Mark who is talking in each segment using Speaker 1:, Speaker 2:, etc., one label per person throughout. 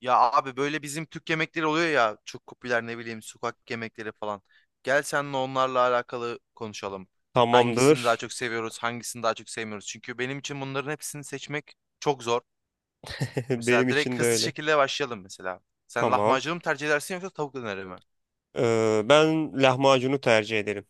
Speaker 1: Ya abi böyle bizim Türk yemekleri oluyor ya, çok popüler, ne bileyim, sokak yemekleri falan. Gel seninle onlarla alakalı konuşalım. Hangisini daha
Speaker 2: Tamamdır.
Speaker 1: çok seviyoruz, hangisini daha çok sevmiyoruz? Çünkü benim için bunların hepsini seçmek çok zor.
Speaker 2: Benim
Speaker 1: Mesela direkt
Speaker 2: için de
Speaker 1: hızlı
Speaker 2: öyle.
Speaker 1: şekilde başlayalım mesela. Sen
Speaker 2: Tamam.
Speaker 1: lahmacunu mu tercih edersin yoksa tavuk döneri mi?
Speaker 2: Ben lahmacunu tercih ederim.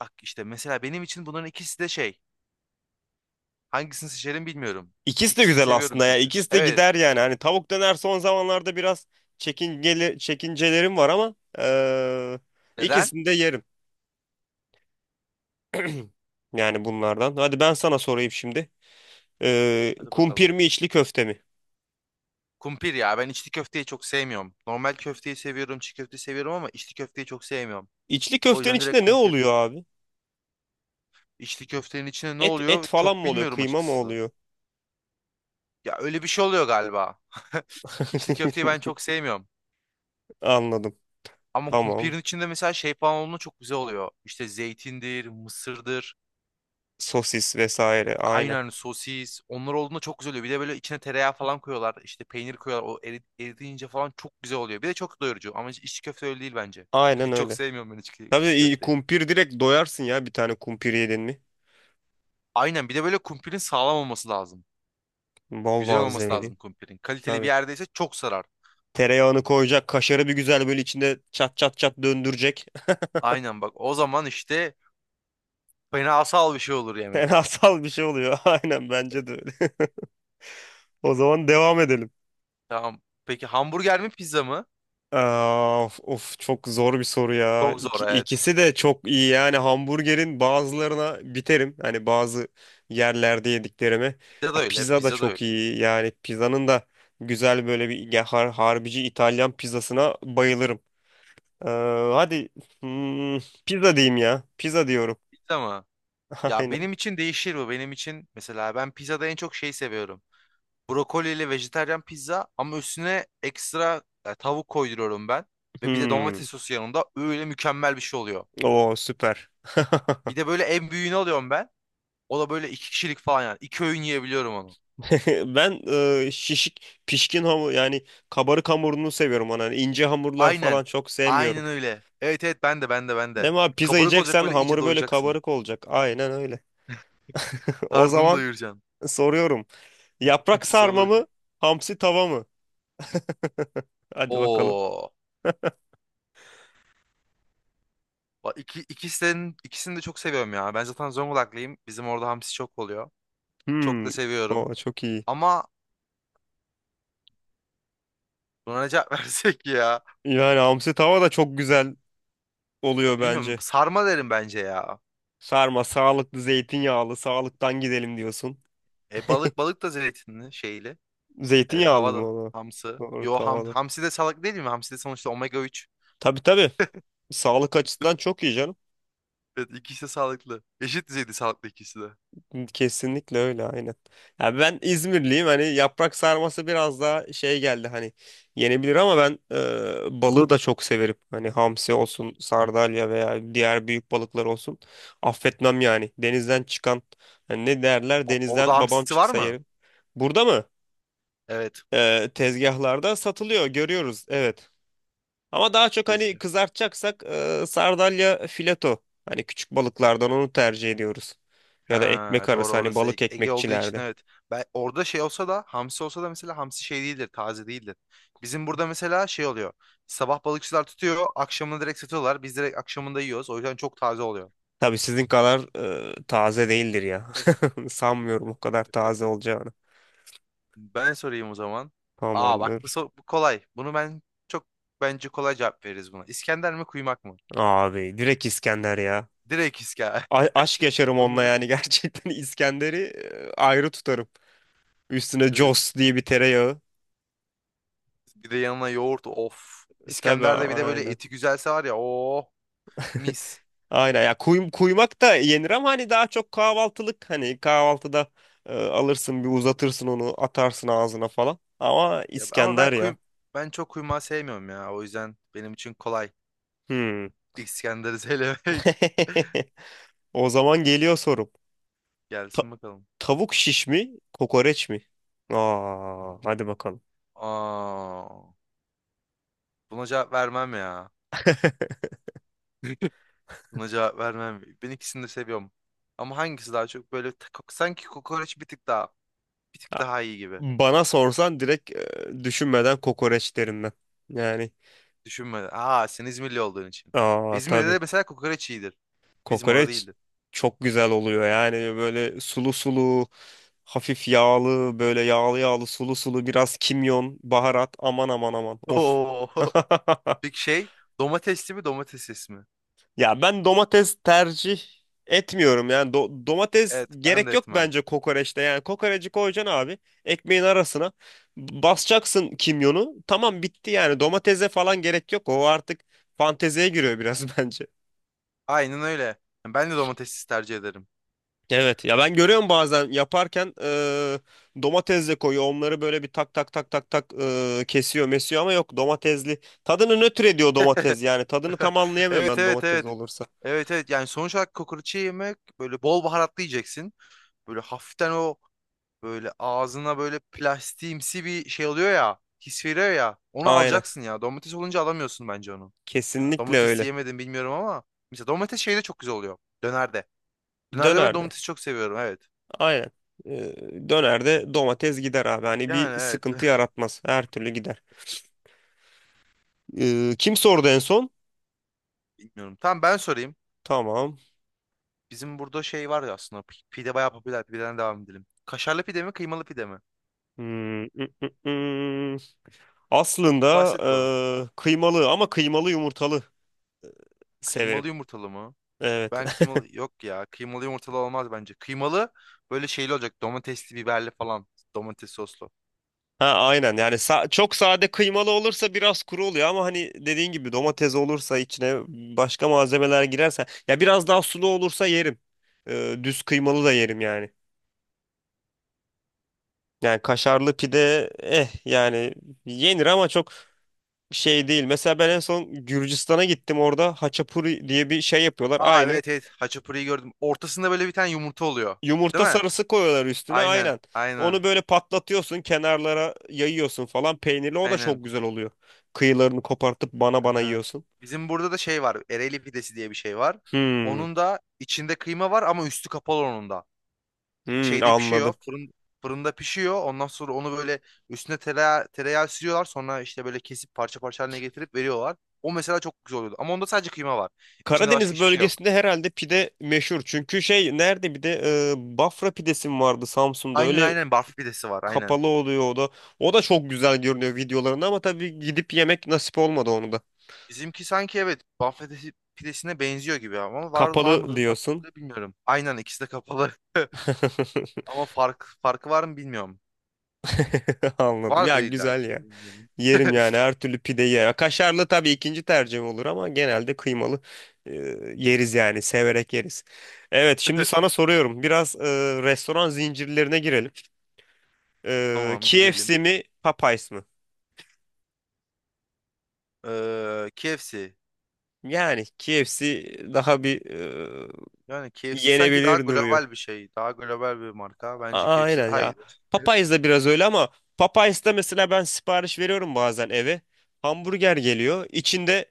Speaker 1: Bak işte mesela benim için bunların ikisi de şey. Hangisini seçerim bilmiyorum.
Speaker 2: İkisi de
Speaker 1: İkisini
Speaker 2: güzel
Speaker 1: seviyorum
Speaker 2: aslında ya.
Speaker 1: çünkü.
Speaker 2: İkisi de
Speaker 1: Evet.
Speaker 2: gider yani. Hani tavuk döner son zamanlarda biraz çekingeli, çekincelerim var ama
Speaker 1: Neden?
Speaker 2: ikisini de yerim. Yani bunlardan. Hadi ben sana sorayım şimdi.
Speaker 1: Hadi
Speaker 2: Kumpir
Speaker 1: bakalım.
Speaker 2: mi, içli köfte mi?
Speaker 1: Kumpir ya, ben içli köfteyi çok sevmiyorum. Normal köfteyi seviyorum, çiğ köfteyi seviyorum ama içli köfteyi çok sevmiyorum.
Speaker 2: İçli
Speaker 1: O
Speaker 2: köftenin
Speaker 1: yüzden direkt
Speaker 2: içinde ne
Speaker 1: kumpir.
Speaker 2: oluyor abi?
Speaker 1: İçli köftenin içine ne
Speaker 2: Et
Speaker 1: oluyor
Speaker 2: falan
Speaker 1: çok
Speaker 2: mı oluyor?
Speaker 1: bilmiyorum
Speaker 2: Kıyma mı
Speaker 1: açıkçası.
Speaker 2: oluyor?
Speaker 1: Ya öyle bir şey oluyor galiba. İçli köfteyi ben çok sevmiyorum.
Speaker 2: Anladım.
Speaker 1: Ama
Speaker 2: Tamam.
Speaker 1: kumpirin içinde mesela şey falan olduğunda çok güzel oluyor. İşte zeytindir, mısırdır,
Speaker 2: Sosis vesaire. Aynen.
Speaker 1: aynen sosis. Onlar olduğunda çok güzel oluyor. Bir de böyle içine tereyağı falan koyuyorlar. İşte peynir koyuyorlar. O eriyince falan çok güzel oluyor. Bir de çok doyurucu. Ama içli köfte öyle değil bence.
Speaker 2: Aynen
Speaker 1: Çok
Speaker 2: öyle.
Speaker 1: sevmiyorum ben içli,
Speaker 2: Tabii
Speaker 1: içli
Speaker 2: iyi
Speaker 1: köfteyi.
Speaker 2: kumpir direkt doyarsın ya, bir tane kumpir yedin mi?
Speaker 1: Aynen, bir de böyle kumpirin sağlam olması lazım.
Speaker 2: Bol
Speaker 1: Güzel olması
Speaker 2: malzemeli.
Speaker 1: lazım kumpirin. Kaliteli bir
Speaker 2: Tabii.
Speaker 1: yerdeyse çok sarar.
Speaker 2: Tereyağını koyacak, kaşarı bir güzel böyle içinde çat çat çat döndürecek.
Speaker 1: Aynen, bak o zaman işte fenasal bir şey olur yemek.
Speaker 2: Fenasal bir şey oluyor. Aynen, bence de öyle. O zaman devam edelim.
Speaker 1: Tamam. Peki hamburger mi pizza mı?
Speaker 2: Aa, of, of, çok zor bir soru ya.
Speaker 1: Çok zor, evet.
Speaker 2: İkisi de çok iyi yani, hamburgerin bazılarına biterim. Hani bazı yerlerde yediklerime.
Speaker 1: Pizza da
Speaker 2: Ya,
Speaker 1: öyle,
Speaker 2: pizza da
Speaker 1: pizza da
Speaker 2: çok
Speaker 1: öyle.
Speaker 2: iyi yani, pizzanın da güzel böyle bir ya, harbici İtalyan pizzasına bayılırım. Ee, hadi hmm, pizza diyeyim ya. Pizza diyorum.
Speaker 1: Pizza mı? Ya
Speaker 2: Aynen.
Speaker 1: benim için değişir bu. Benim için mesela ben pizzada en çok şey seviyorum. Brokoliyle vejetaryen pizza, ama üstüne ekstra tavuk koyduruyorum ben. Ve bir de
Speaker 2: Hmm.
Speaker 1: domates sosu yanında, öyle mükemmel bir şey oluyor.
Speaker 2: Oo, süper.
Speaker 1: Bir de böyle en büyüğünü alıyorum ben. O da böyle iki kişilik falan yani. İki öğün yiyebiliyorum onu.
Speaker 2: Ben pişkin hamur, yani kabarık hamurunu seviyorum ona. Hani ince hamurlar
Speaker 1: Aynen.
Speaker 2: falan çok sevmiyorum.
Speaker 1: Aynen öyle. Evet evet, ben de.
Speaker 2: Değil mi abi? Pizza
Speaker 1: Kabarık olacak,
Speaker 2: yiyeceksen
Speaker 1: böyle iyice
Speaker 2: hamuru böyle
Speaker 1: doyacaksın.
Speaker 2: kabarık olacak. Aynen öyle. O
Speaker 1: Karnını
Speaker 2: zaman
Speaker 1: doyuracaksın.
Speaker 2: soruyorum. Yaprak
Speaker 1: Sonra
Speaker 2: sarma mı?
Speaker 1: bakayım.
Speaker 2: Hamsi tava mı? Hadi bakalım.
Speaker 1: Oo. Bak ikisini de çok seviyorum ya. Ben zaten Zonguldaklıyım. Bizim orada hamsi çok oluyor. Çok
Speaker 2: Hmm.
Speaker 1: da seviyorum.
Speaker 2: Oo, çok iyi.
Speaker 1: Ama buna ne cevap versek ya?
Speaker 2: Yani hamsi tava da çok güzel oluyor
Speaker 1: Bilmiyorum.
Speaker 2: bence.
Speaker 1: Sarma derim bence ya.
Speaker 2: Sarma sağlıklı, zeytinyağlı, sağlıktan gidelim diyorsun.
Speaker 1: E, balık, balık da zeytinli şeyli. E,
Speaker 2: Zeytinyağlı mı
Speaker 1: tavada
Speaker 2: o? Da?
Speaker 1: hamsi.
Speaker 2: Doğru,
Speaker 1: Yo ham,
Speaker 2: tavada.
Speaker 1: hamsi de salak değil mi? Hamsi de sonuçta omega 3.
Speaker 2: Tabii tabii. Sağlık açısından çok iyi canım.
Speaker 1: Evet, ikisi de sağlıklı. Eşit düzeyde sağlıklı ikisi de.
Speaker 2: Kesinlikle öyle, aynen. Ya ben İzmirliyim, hani yaprak sarması biraz daha şey geldi, hani yenebilir ama ben balığı da çok severim. Hani hamsi olsun, sardalya veya diğer büyük balıklar olsun. Affetmem yani. Denizden çıkan, hani ne derler,
Speaker 1: Orada
Speaker 2: denizden babam
Speaker 1: hamsi var
Speaker 2: çıksa
Speaker 1: mı?
Speaker 2: yerim. Burada mı?
Speaker 1: Evet.
Speaker 2: Tezgahlarda satılıyor, görüyoruz, evet. Ama daha çok hani
Speaker 1: Ezgi.
Speaker 2: kızartacaksak sardalya fileto. Hani küçük balıklardan onu tercih ediyoruz. Ya da
Speaker 1: Ha,
Speaker 2: ekmek
Speaker 1: doğru,
Speaker 2: arası, hani
Speaker 1: orası E-
Speaker 2: balık
Speaker 1: Ege olduğu için
Speaker 2: ekmekçilerde.
Speaker 1: evet. Ben orada şey olsa da, hamsi olsa da, mesela hamsi şey değildir, taze değildir. Bizim burada mesela şey oluyor. Sabah balıkçılar tutuyor, akşamını direkt satıyorlar. Biz direkt akşamında yiyoruz. O yüzden çok taze oluyor.
Speaker 2: Tabii sizin kadar taze değildir ya.
Speaker 1: Evet.
Speaker 2: Sanmıyorum o kadar taze olacağını.
Speaker 1: Ben sorayım o zaman. Aa bak bu,
Speaker 2: Tamamdır.
Speaker 1: bu kolay. Bunu ben çok, bence kolay cevap veririz buna. İskender mi kuymak mı?
Speaker 2: Abi direkt İskender ya.
Speaker 1: Direkt İskender.
Speaker 2: Aşk yaşarım onunla
Speaker 1: Bunu
Speaker 2: yani gerçekten İskender'i ayrı tutarım. Üstüne Jos diye bir tereyağı.
Speaker 1: Bir de yanına yoğurt, of.
Speaker 2: Tabii,
Speaker 1: İskender'de bir de böyle
Speaker 2: aynen.
Speaker 1: eti güzelse, var ya, o mis.
Speaker 2: Aynen ya, kuymak da yenir ama hani daha çok kahvaltılık, hani kahvaltıda alırsın, bir uzatırsın, onu atarsın ağzına falan. Ama
Speaker 1: Ya, ama
Speaker 2: İskender ya.
Speaker 1: ben çok kuymağı sevmiyorum ya. O yüzden benim için kolay.
Speaker 2: Hmm.
Speaker 1: İskender'i söylemek.
Speaker 2: O zaman geliyor sorum. Ta-
Speaker 1: Gelsin bakalım.
Speaker 2: Tavuk şiş mi, kokoreç mi? Aa, hadi bakalım.
Speaker 1: Aa, buna cevap vermem ya. Buna cevap vermem. Ben ikisini de seviyorum. Ama hangisi daha çok böyle sanki kokoreç bir tık daha, bir tık daha iyi gibi.
Speaker 2: Bana sorsan direkt düşünmeden kokoreç derim ben. Yani,
Speaker 1: Düşünmeden. Aa, sen İzmirli olduğun için.
Speaker 2: aa
Speaker 1: İzmir'de de
Speaker 2: tabii.
Speaker 1: mesela kokoreç iyidir. Bizim orada
Speaker 2: Kokoreç
Speaker 1: değildi.
Speaker 2: çok güzel oluyor yani, böyle sulu sulu, hafif yağlı, böyle yağlı yağlı, sulu sulu, biraz kimyon, baharat. Aman aman aman. Of.
Speaker 1: Oo. Peki şey, domatesli mi domatessiz mi?
Speaker 2: Ya ben domates tercih etmiyorum yani. Domates
Speaker 1: Evet, ben
Speaker 2: gerek
Speaker 1: de
Speaker 2: yok
Speaker 1: etmem.
Speaker 2: bence kokoreçte. Yani kokoreci koyacaksın abi, ekmeğin arasına basacaksın, kimyonu, tamam, bitti. Yani domatese falan gerek yok, o artık fanteziye giriyor biraz bence.
Speaker 1: Aynen öyle. Yani ben de domatessiz tercih ederim.
Speaker 2: Evet ya, ben görüyorum bazen yaparken, domates de koyuyor, onları böyle bir tak tak tak tak tak, kesiyor mesiyor ama yok, domatesli tadını nötr ediyor domates. Yani tadını tam anlayamıyorum
Speaker 1: Evet
Speaker 2: ben
Speaker 1: evet
Speaker 2: domates
Speaker 1: evet.
Speaker 2: olursa.
Speaker 1: Evet, yani sonuç olarak kokoreçi yemek böyle bol baharatlı yiyeceksin. Böyle hafiften o, böyle ağzına böyle plastiğimsi bir şey oluyor ya. His veriyor ya. Onu
Speaker 2: Aynen,
Speaker 1: alacaksın ya. Domates olunca alamıyorsun bence onu.
Speaker 2: kesinlikle
Speaker 1: Domates
Speaker 2: öyle.
Speaker 1: yemedim bilmiyorum ama. Mesela domates şeyde çok güzel oluyor. Dönerde. Dönerde ben
Speaker 2: Dönerde,
Speaker 1: domatesi çok seviyorum evet.
Speaker 2: aynen. Dönerde domates gider abi, hani bir
Speaker 1: Yani evet.
Speaker 2: sıkıntı yaratmaz, her türlü gider. Kim sordu en son?
Speaker 1: Bilmiyorum. Tamam, ben sorayım.
Speaker 2: Tamam.
Speaker 1: Bizim burada şey var ya aslında. Pide bayağı popüler. Pideden devam edelim. Kaşarlı pide mi, kıymalı pide mi?
Speaker 2: Hmm, ı, ı, ı.
Speaker 1: Bu
Speaker 2: Aslında
Speaker 1: basit bu.
Speaker 2: kıymalı ama kıymalı yumurtalı severim.
Speaker 1: Kıymalı yumurtalı mı?
Speaker 2: Evet.
Speaker 1: Ben kıymalı... Yok ya. Kıymalı yumurtalı olmaz bence. Kıymalı böyle şeyli olacak. Domatesli, biberli falan. Domates soslu.
Speaker 2: Ha, aynen. Yani çok sade kıymalı olursa biraz kuru oluyor ama hani dediğin gibi, domates olursa içine, başka malzemeler girerse, ya biraz daha sulu olursa yerim. Düz kıymalı da yerim yani. Yani kaşarlı pide, eh yani, yenir ama çok şey değil. Mesela ben en son Gürcistan'a gittim, orada haçapuri diye bir şey yapıyorlar
Speaker 1: Aa
Speaker 2: aynı.
Speaker 1: evet evet. Haçapuri'yi gördüm. Ortasında böyle bir tane yumurta oluyor. Değil
Speaker 2: Yumurta
Speaker 1: mi?
Speaker 2: sarısı koyuyorlar üstüne,
Speaker 1: Aynen.
Speaker 2: aynen. Onu
Speaker 1: Aynen.
Speaker 2: böyle patlatıyorsun, kenarlara yayıyorsun falan, peynirli, o da
Speaker 1: Aynen.
Speaker 2: çok güzel oluyor. Kıyılarını kopartıp bana bana
Speaker 1: Aha.
Speaker 2: yiyorsun.
Speaker 1: Bizim burada da şey var. Ereğli pidesi diye bir şey var.
Speaker 2: Hmm,
Speaker 1: Onun da içinde kıyma var ama üstü kapalı onun da. Şeyde pişiyor.
Speaker 2: anladım.
Speaker 1: Fırında pişiyor. Ondan sonra onu böyle üstüne tereyağı sürüyorlar. Sonra işte böyle kesip parça parça haline getirip veriyorlar. O mesela çok güzel oluyordu. Ama onda sadece kıyma var. İçinde başka
Speaker 2: Karadeniz
Speaker 1: hiçbir şey yok.
Speaker 2: bölgesinde herhalde pide meşhur. Çünkü şey nerede, bir de Bafra pidesi mi vardı Samsun'da,
Speaker 1: Aynen
Speaker 2: öyle
Speaker 1: aynen barf pidesi var aynen.
Speaker 2: kapalı oluyor o da. O da çok güzel görünüyor videolarında ama tabii gidip yemek nasip olmadı onu da.
Speaker 1: Bizimki sanki, evet, barf pidesi, pidesine benziyor gibi ama var
Speaker 2: Kapalı
Speaker 1: mıdır
Speaker 2: diyorsun.
Speaker 1: farklı bilmiyorum. Aynen, ikisi de kapalı. Ama farkı var mı bilmiyorum.
Speaker 2: Anladım.
Speaker 1: Vardır
Speaker 2: Ya güzel
Speaker 1: illaki,
Speaker 2: ya.
Speaker 1: bilmiyorum.
Speaker 2: Yerim yani, her türlü pideyi yerim. Kaşarlı tabii ikinci tercihim olur ama genelde kıymalı e, yeriz yani, severek yeriz. Evet, şimdi sana soruyorum. Biraz restoran zincirlerine girelim.
Speaker 1: Tamam, girelim.
Speaker 2: KFC mi, Popeyes mi?
Speaker 1: KFC.
Speaker 2: Yani KFC daha bir
Speaker 1: Yani KFC sanki daha
Speaker 2: yenebilir.
Speaker 1: global bir şey. Daha global bir marka. Bence KFC
Speaker 2: Aynen
Speaker 1: daha
Speaker 2: ya.
Speaker 1: iyidir.
Speaker 2: Popeyes de biraz öyle ama Popeyes'te mesela ben sipariş veriyorum bazen eve. Hamburger geliyor. İçinde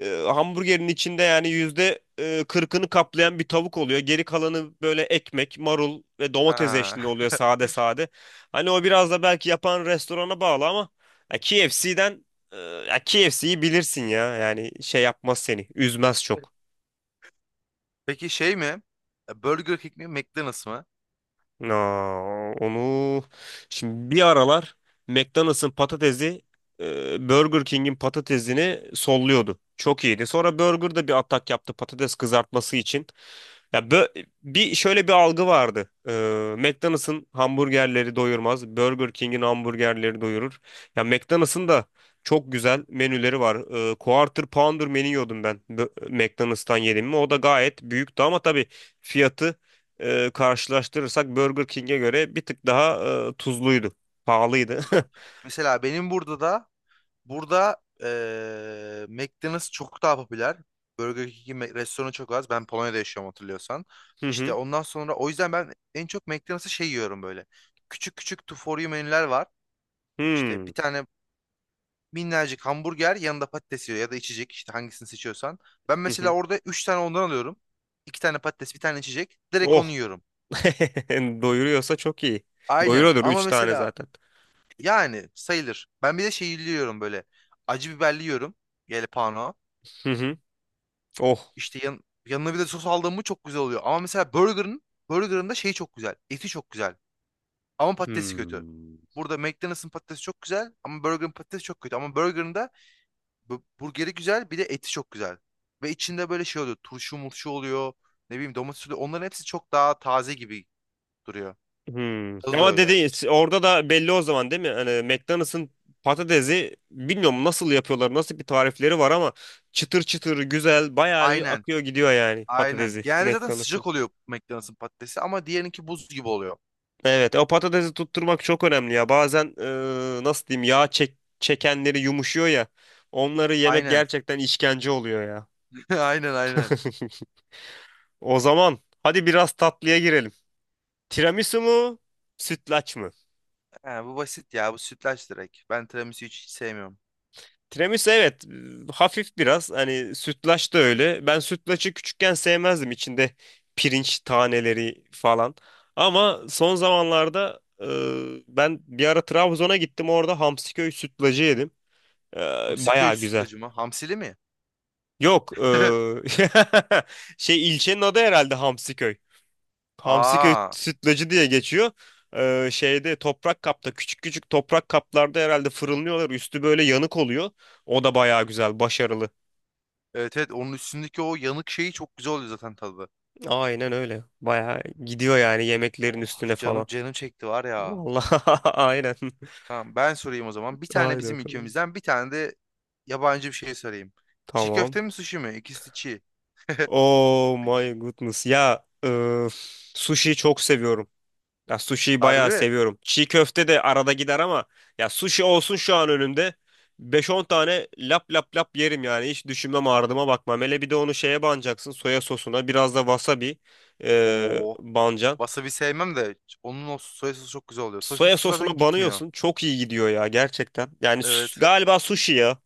Speaker 2: hamburgerin içinde yani yüzde kırkını kaplayan bir tavuk oluyor. Geri kalanı böyle ekmek, marul ve domates
Speaker 1: Ha.
Speaker 2: eşliğinde oluyor, sade sade. Hani o biraz da belki yapan restorana bağlı ama ya ya KFC'yi bilirsin ya. Yani şey yapmaz seni. Üzmez çok.
Speaker 1: Peki şey mi? E, Burger King mi? McDonald's mı?
Speaker 2: Aa, onu şimdi bir aralar McDonald's'ın patatesi Burger King'in patatesini solluyordu. Çok iyiydi. Sonra Burger da bir atak yaptı patates kızartması için. Ya bir şöyle bir algı vardı. McDonald's'ın hamburgerleri doyurmaz, Burger King'in hamburgerleri doyurur. Ya McDonald's'ın da çok güzel menüleri var. Quarter Pounder menü yiyordum ben. McDonald's'tan yedim mi? O da gayet büyüktü ama tabii fiyatı karşılaştırırsak Burger King'e göre bir tık daha tuzluydu. Pahalıydı.
Speaker 1: Ha. Mesela benim burada McDonald's çok daha popüler. Burger King'in restoranı çok az. Ben Polonya'da yaşıyorum, hatırlıyorsan.
Speaker 2: Hı
Speaker 1: İşte
Speaker 2: hı.
Speaker 1: ondan sonra, o yüzden ben en çok McDonald's'ı şey yiyorum böyle. Küçük küçük to for you menüler var. İşte
Speaker 2: Hmm.
Speaker 1: bir tane minnacık hamburger, yanında patates yiyor ya da içecek, işte hangisini seçiyorsan. Ben
Speaker 2: Hı
Speaker 1: mesela
Speaker 2: hı.
Speaker 1: orada 3 tane ondan alıyorum. İki tane patates, bir tane içecek. Direkt onu
Speaker 2: Oh.
Speaker 1: yiyorum.
Speaker 2: Doyuruyorsa çok iyi.
Speaker 1: Aynen,
Speaker 2: Doyuruyordur
Speaker 1: ama
Speaker 2: 3 tane
Speaker 1: mesela
Speaker 2: zaten.
Speaker 1: yani sayılır. Ben bir de şey yiyorum böyle. Acı biberli yiyorum. Yelpano.
Speaker 2: Hı hı. Oh.
Speaker 1: İşte yanına bir de sos aldığım mı çok güzel oluyor. Ama mesela burgerın da şeyi çok güzel. Eti çok güzel. Ama patatesi kötü.
Speaker 2: Hmm.
Speaker 1: Burada McDonald's'ın patatesi çok güzel ama burgerın patatesi çok kötü. Ama burgerın da burgeri güzel, bir de eti çok güzel. Ve içinde böyle şey oluyor. Turşu murşu oluyor. Ne bileyim, domates oluyor. Onların hepsi çok daha taze gibi duruyor.
Speaker 2: Hmm.
Speaker 1: Tadı da
Speaker 2: Ama
Speaker 1: öyle.
Speaker 2: dedi orada da belli o zaman, değil mi? Hani McDonald's'ın patatesi, bilmiyorum nasıl yapıyorlar, nasıl bir tarifleri var ama çıtır çıtır güzel, bayağı bir
Speaker 1: Aynen.
Speaker 2: akıyor gidiyor yani
Speaker 1: Aynen.
Speaker 2: patatesi
Speaker 1: Genelde zaten
Speaker 2: McDonald's.
Speaker 1: sıcak oluyor McDonald's'ın patatesi, ama diğerinki buz gibi oluyor.
Speaker 2: Evet, o patatesi tutturmak çok önemli ya. Bazen nasıl diyeyim, çekenleri yumuşuyor ya. Onları yemek
Speaker 1: Aynen.
Speaker 2: gerçekten işkence oluyor ya.
Speaker 1: Aynen.
Speaker 2: O zaman hadi biraz tatlıya girelim. Tiramisu mu, sütlaç mı?
Speaker 1: He, bu basit ya. Bu sütlaç direkt. Ben tiramisu hiç sevmiyorum.
Speaker 2: Tiramisu, evet, hafif biraz. Hani sütlaç da öyle. Ben sütlaçı küçükken sevmezdim, içinde pirinç taneleri falan. Ama son zamanlarda ben bir ara Trabzon'a gittim. Orada Hamsiköy sütlacı yedim. E,
Speaker 1: Hamsi köy
Speaker 2: Bayağı güzeldi.
Speaker 1: sütlacı mı? Hamsili mi?
Speaker 2: Yok. Şey, ilçenin adı herhalde Hamsiköy. Hamsiköy
Speaker 1: Aa.
Speaker 2: sütlacı diye geçiyor. Şeyde toprak kapta, küçük küçük toprak kaplarda herhalde fırınlıyorlar. Üstü böyle yanık oluyor. O da bayağı güzel, başarılı.
Speaker 1: Evet evet, onun üstündeki o yanık şeyi çok güzel oluyor zaten tadı.
Speaker 2: Aynen öyle. Bayağı gidiyor yani yemeklerin
Speaker 1: Oh,
Speaker 2: üstüne
Speaker 1: canım
Speaker 2: falan.
Speaker 1: canım çekti var ya.
Speaker 2: Vallahi aynen.
Speaker 1: Tamam, ben sorayım o zaman. Bir tane
Speaker 2: Haydi
Speaker 1: bizim
Speaker 2: bakalım.
Speaker 1: ülkemizden, bir tane de yabancı bir şey sorayım. Çiğ
Speaker 2: Tamam.
Speaker 1: köfte mi sushi mi? İkisi de çiğ.
Speaker 2: Oh my goodness. Ya sushi çok seviyorum. Ya sushi'yi bayağı
Speaker 1: Harbi.
Speaker 2: seviyorum. Çiğ köfte de arada gider ama ya sushi olsun şu an önümde, beş on tane lap lap lap yerim yani. Hiç düşünmem, ardıma bakmam. Hele bir de onu şeye banacaksın. Soya sosuna biraz da wasabi
Speaker 1: Oo.
Speaker 2: banacaksın.
Speaker 1: Wasabi sevmem de, onun o soya sosu çok güzel oluyor. Soya
Speaker 2: Soya
Speaker 1: sosu zaten
Speaker 2: sosuna
Speaker 1: gitmiyor.
Speaker 2: banıyorsun. Çok iyi gidiyor ya gerçekten. Yani
Speaker 1: Evet.
Speaker 2: galiba sushi ya.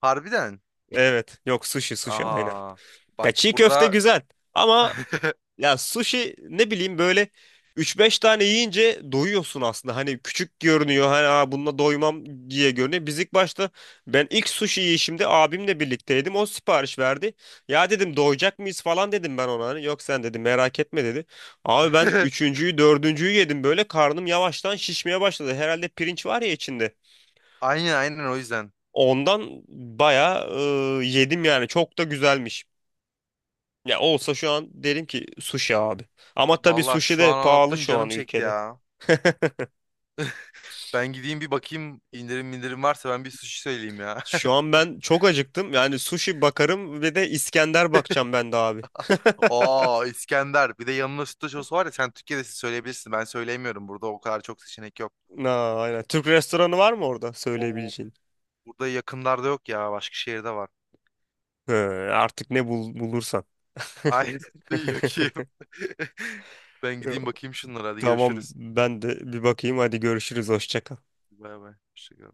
Speaker 1: Harbiden.
Speaker 2: Evet. Yok, sushi, sushi, aynen.
Speaker 1: Aha.
Speaker 2: Ya
Speaker 1: Bak
Speaker 2: çiğ köfte
Speaker 1: burada
Speaker 2: güzel. Ama ya sushi, ne bileyim, böyle üç beş tane yiyince doyuyorsun aslında. Hani küçük görünüyor. Hani, aa, bununla doymam diye görünüyor. Biz ilk başta Ben ilk sushi yiyişimde abimle birlikteydim. O sipariş verdi. Ya dedim doyacak mıyız falan, dedim ben ona. Hani, yok sen, dedim, merak etme, dedi. Abi ben üçüncüyü, dördüncüyü yedim, böyle karnım yavaştan şişmeye başladı. Herhalde pirinç var ya içinde.
Speaker 1: aynen o yüzden.
Speaker 2: Ondan bayağı yedim yani. Çok da güzelmiş. Ya olsa şu an derim ki sushi abi. Ama tabii
Speaker 1: Vallahi
Speaker 2: sushi
Speaker 1: şu
Speaker 2: de
Speaker 1: an
Speaker 2: pahalı
Speaker 1: anlattın
Speaker 2: şu
Speaker 1: canım
Speaker 2: an
Speaker 1: çekti
Speaker 2: ülkede.
Speaker 1: ya. Ben gideyim bir bakayım, indirim varsa ben bir sushi söyleyeyim ya.
Speaker 2: Şu an ben çok acıktım. Yani sushi bakarım ve de İskender bakacağım ben de abi.
Speaker 1: Aa, İskender. Bir de yanına sütlaç sosu var ya, sen Türkiye'de siz söyleyebilirsin. Ben söyleyemiyorum. Burada o kadar çok seçenek yok.
Speaker 2: Na, aynen. Türk restoranı var mı orada
Speaker 1: Oo,
Speaker 2: söyleyebileceğin?
Speaker 1: burada yakınlarda yok ya. Başka şehirde var.
Speaker 2: He, artık ne bul bulursan.
Speaker 1: Ay yok ki. Ben gideyim bakayım şunlara. Hadi
Speaker 2: Tamam,
Speaker 1: görüşürüz.
Speaker 2: ben de bir bakayım. Hadi görüşürüz. Hoşça kal.
Speaker 1: Bay bay. Hoşça kal.